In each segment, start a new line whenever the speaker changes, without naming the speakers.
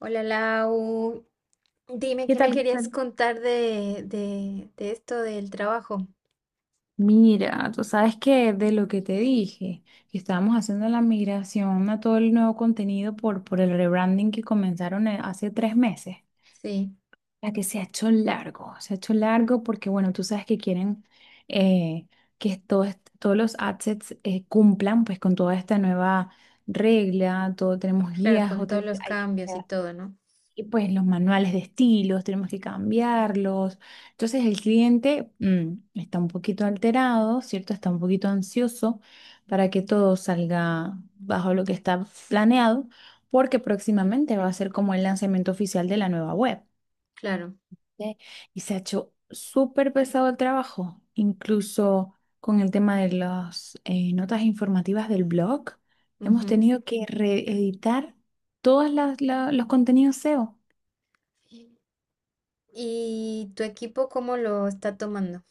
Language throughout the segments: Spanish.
Hola Lau, dime
¿Qué
qué me
tal?
querías contar de esto del trabajo.
Mira, tú sabes que de lo que te dije, que estábamos haciendo la migración a todo el nuevo contenido por el rebranding que comenzaron hace tres meses,
Sí,
la que se ha hecho largo, se ha hecho largo porque, bueno, tú sabes que quieren eh, que todos los assets cumplan pues con toda esta nueva regla, todo tenemos
claro,
guías,
con todos
hoteles,
los cambios y todo, ¿no?
y pues los manuales de estilos tenemos que cambiarlos. Entonces el cliente está un poquito alterado, ¿cierto? Está un poquito ansioso para que todo salga bajo lo que está planeado, porque próximamente va a ser como el lanzamiento oficial de la nueva web,
Claro.
¿ok? Y se ha hecho súper pesado el trabajo, incluso con el tema de las notas informativas del blog. Hemos
Ujú.
tenido que reeditar todos los contenidos SEO.
¿Y tu equipo cómo lo está tomando?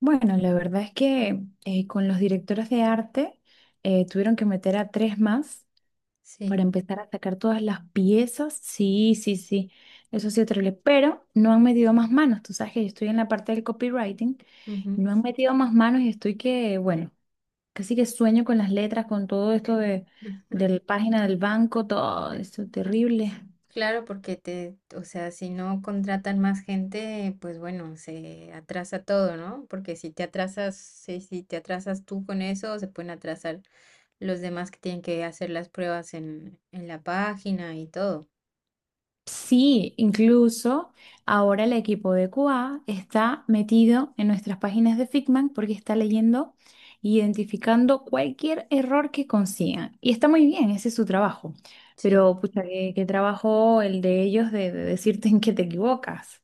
Bueno, la verdad es que con los directores de arte tuvieron que meter a tres más para
Sí.
empezar a sacar todas las piezas. Sí, sí, sí, eso ha sido terrible, pero no han metido más manos. Tú sabes que yo estoy en la parte del copywriting y
Ujú.
no han metido más manos y estoy que, bueno, casi que sueño con las letras, con todo esto
Ah,
de la página del banco, todo esto terrible.
claro, porque te, o sea, si no contratan más gente, pues bueno, se atrasa todo, ¿no? Porque si te atrasas, si te atrasas tú con eso, se pueden atrasar los demás que tienen que hacer las pruebas en la página y todo.
Sí, incluso ahora el equipo de QA está metido en nuestras páginas de Figma porque está leyendo e identificando cualquier error que consigan. Y está muy bien, ese es su trabajo.
Sí,
Pero, pucha, qué trabajo el de ellos de decirte en qué te equivocas.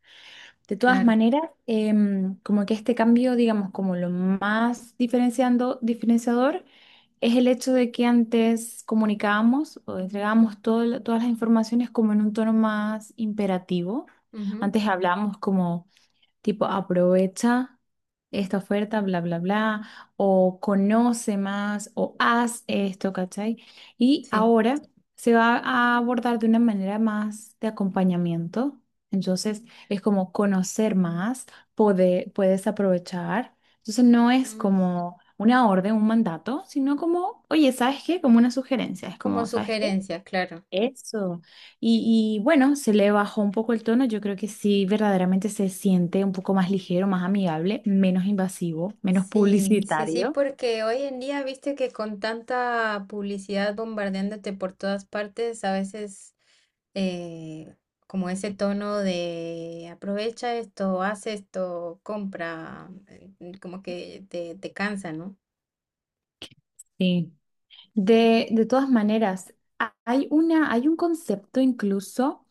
De todas
claro.
maneras, como que este cambio, digamos, como lo más diferenciador es el hecho de que antes comunicábamos o entregábamos todas las informaciones como en un tono más imperativo.
Ujú,
Antes hablábamos como tipo aprovecha esta oferta, bla, bla, bla, o conoce más, o haz esto, ¿cachai? Y
sí.
ahora se va a abordar de una manera más de acompañamiento. Entonces es como conocer más, poder, puedes aprovechar. Entonces no es
Mm,
como una orden, un mandato, sino como, oye, ¿sabes qué? Como una sugerencia. Es
como
como, ¿sabes qué?
sugerencia, claro.
Eso. Y bueno, se le bajó un poco el tono. Yo creo que sí, verdaderamente se siente un poco más ligero, más amigable, menos invasivo, menos
Sí, sí, sí,
publicitario.
porque hoy en día, viste que con tanta publicidad bombardeándote por todas partes, a veces eh, como ese tono de aprovecha esto, haz esto, compra, como que te cansa, ¿no?
Sí. De todas maneras, hay hay un concepto incluso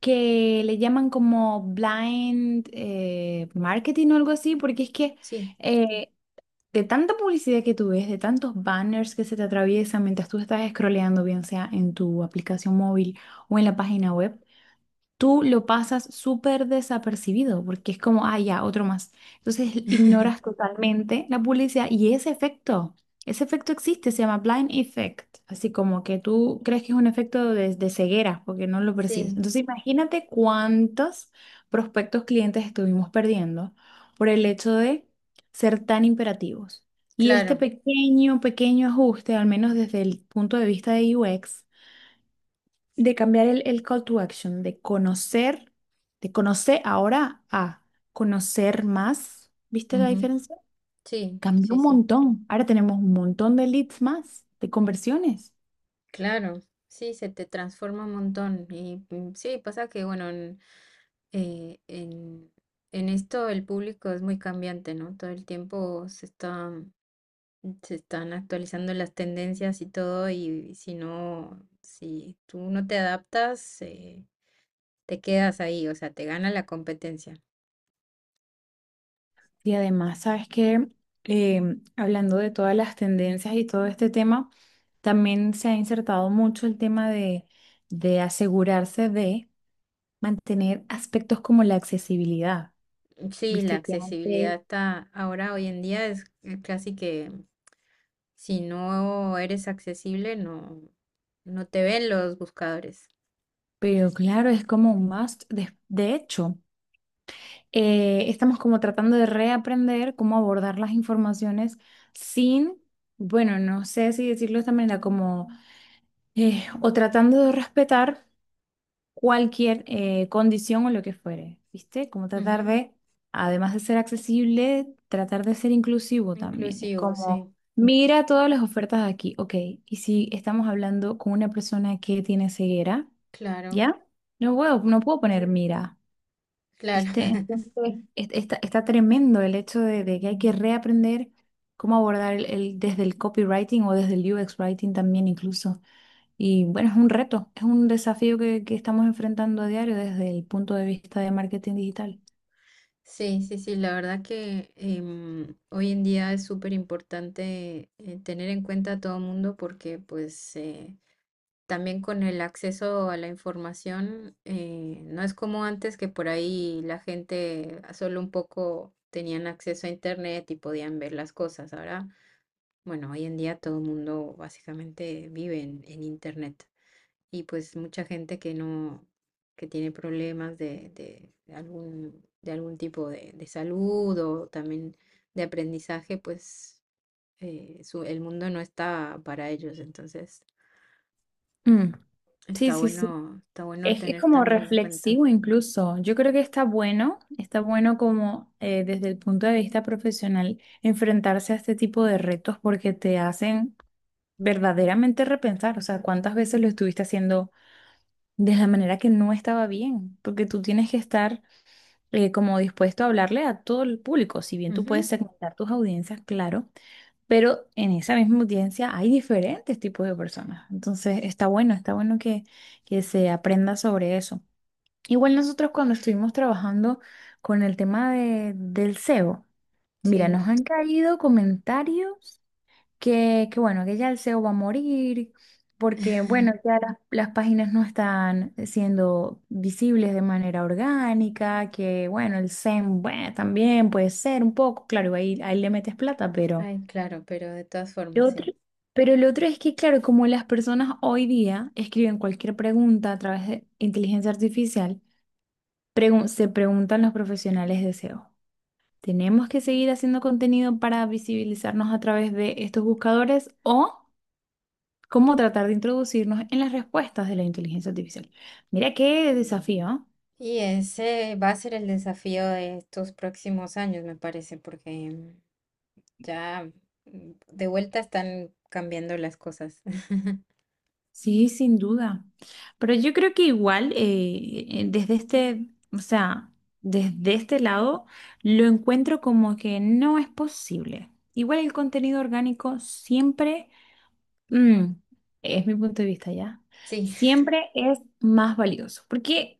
que le llaman como blind marketing o algo así, porque es que
Sí,
eh, de tanta publicidad que tú ves, de tantos banners que se te atraviesan mientras tú estás scrolleando, bien sea en tu aplicación móvil o en la página web, tú lo pasas súper desapercibido porque es como, ah, ya, otro más. Entonces ignoras totalmente la publicidad y ese efecto existe, se llama blind effect, así como que tú crees que es un efecto de ceguera porque no lo percibes.
sí,
Entonces imagínate cuántos prospectos clientes estuvimos perdiendo por el hecho de ser tan imperativos. Y este
claro.
pequeño, pequeño ajuste, al menos desde el punto de vista de UX, de cambiar el call to action, de conocer ahora a conocer más. ¿Viste la
Ujú,
diferencia?
sí,
Cambió
sí,
un
sí.
montón. Ahora tenemos un montón de leads más, de conversiones.
Claro, sí, se te transforma un montón. Y sí, pasa que, bueno, eh, en, en esto el público es muy cambiante, ¿no? Todo el tiempo se está, se están actualizando las tendencias y todo, y si no, si tú no te adaptas, te quedas ahí, o sea, te gana la competencia.
Y además, ¿sabes qué? Hablando de todas las tendencias y todo este tema, también se ha insertado mucho el tema de asegurarse de mantener aspectos como la accesibilidad.
Sí, la
¿Viste que
accesibilidad
antes?
está ahora, hoy en día, es casi que si no eres accesible, no, no te ven los buscadores.
Pero claro, es como un must. De hecho, estamos como tratando de reaprender cómo abordar las informaciones sin, bueno, no sé si decirlo de esta manera, como, o tratando de respetar cualquier condición o lo que fuere, ¿viste? Como tratar de, además de ser accesible, tratar de ser inclusivo también. Es
Inclusivo,
como,
sí,
mira todas las ofertas aquí, ok, y si estamos hablando con una persona que tiene ceguera,
claro,
¿ya? No puedo, no puedo poner mira.
claro.
¿Viste? Entonces, está, está tremendo el hecho de que hay que reaprender cómo abordar desde el copywriting o desde el UX writing también incluso. Y bueno, es un reto, es un desafío que estamos enfrentando a diario desde el punto de vista de marketing digital.
Sí, sí, sí, la verdad que hoy en día es súper importante tener en cuenta a todo el mundo porque pues también con el acceso a la información no es como antes que por ahí la gente a solo un poco tenían acceso a internet y podían ver las cosas. Ahora, bueno, hoy en día todo el mundo básicamente vive en internet. Y pues mucha gente que no, que tiene problemas de algún, de algún tipo de salud o también de aprendizaje, pues el mundo no está para ellos. Entonces
Mm. Sí, sí, sí.
está bueno
Es
tener
como
también en cuenta.
reflexivo incluso. Yo creo que está bueno como desde el punto de vista profesional enfrentarse a este tipo de retos porque te hacen verdaderamente repensar, o sea, cuántas veces lo estuviste haciendo de la manera que no estaba bien, porque tú tienes que estar como dispuesto a hablarle a todo el público, si bien tú
Ujú,
puedes segmentar tus audiencias, claro, pero en esa misma audiencia hay diferentes tipos de personas, entonces está bueno que se aprenda sobre eso. Igual nosotros cuando estuvimos trabajando con el tema de, del SEO, mira,
sí.
nos han caído comentarios que bueno, que ya el SEO va a morir, porque bueno, ya las páginas no están siendo visibles de manera orgánica, que bueno, el SEM, bueno, también puede ser un poco, claro, ahí le metes plata,
Ay, claro, pero de todas formas,
lo otro,
sí.
pero lo otro es que, claro, como las personas hoy día escriben cualquier pregunta a través de inteligencia artificial, se preguntan los profesionales de SEO. ¿Tenemos que seguir haciendo contenido para visibilizarnos a través de estos buscadores o cómo tratar de introducirnos en las respuestas de la inteligencia artificial? Mira qué desafío, ¿eh?
Y ese va a ser el desafío de estos próximos años, me parece, porque ya de vuelta están cambiando las cosas.
Sí, sin duda. Pero yo creo que igual, desde este, o sea, desde este lado, lo encuentro como que no es posible. Igual el contenido orgánico siempre. Mm, es mi punto de vista ya.
Sí,
Siempre es más valioso. Porque,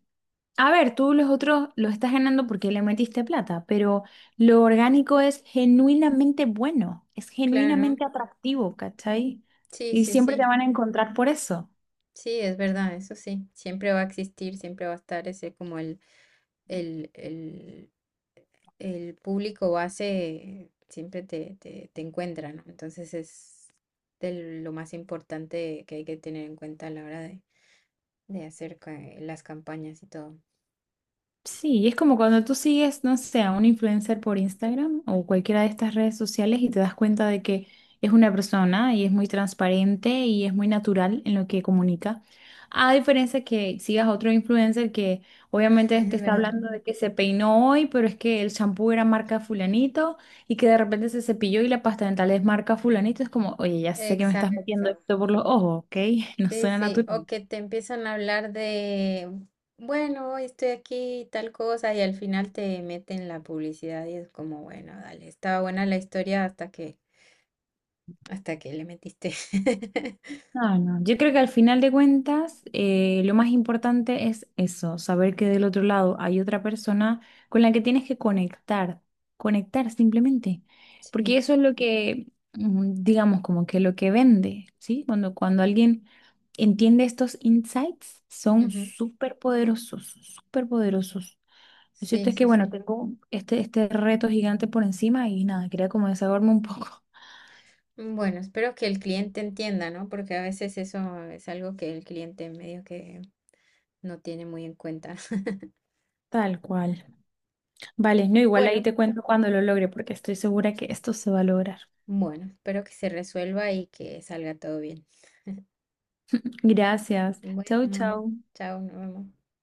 a ver, tú los otros los estás ganando porque le metiste plata, pero lo orgánico es genuinamente bueno, es
claro.
genuinamente atractivo, ¿cachai?
Sí,
Y
sí,
siempre te
sí.
van a encontrar por eso.
Sí, es verdad, eso sí. Siempre va a existir, siempre va a estar ese como el, el, el público base, siempre te encuentra, ¿no? Entonces es de lo más importante que hay que tener en cuenta a la hora de hacer las campañas y todo.
Sí, y es como cuando tú sigues, no sé, a un influencer por Instagram o cualquiera de estas redes sociales y te das cuenta de que es una persona y es muy transparente y es muy natural en lo que comunica. A diferencia que sigas a otro influencer que obviamente
Es
te está
verdad.
hablando de que se peinó hoy, pero es que el champú era marca fulanito y que de repente se cepilló y la pasta dental es marca fulanito. Es como, oye, ya sé que me estás metiendo
Exacto.
esto por los ojos, ¿ok? No
Sí,
suena
sí, o
natural.
que te empiezan a hablar de, bueno, hoy estoy aquí, y tal cosa, y al final te meten la publicidad y es como, bueno, dale, estaba buena la historia hasta que le metiste.
No, no. Yo creo que al final de cuentas, lo más importante es eso, saber que del otro lado hay otra persona con la que tienes que conectar, conectar simplemente, porque
Sí,
eso es lo que, digamos, como que lo que vende, ¿sí? Cuando alguien entiende estos insights, son
ujú,
súper poderosos, súper poderosos. Lo
sí,
cierto es que,
sí,
bueno,
sí.
tengo este, este reto gigante por encima y nada, quería como desahogarme un poco.
Bueno, espero que el cliente entienda, ¿no? Porque a veces eso es algo que el cliente medio que no tiene muy en cuenta.
Tal cual. Vale,
Mm,
no, igual ahí
bueno,
te cuento cuando lo logre, porque estoy segura que esto se va a lograr.
bueno, espero que se resuelva y que salga todo bien.
Gracias. Chau,
Bueno,
chau.
chao, nos vemos.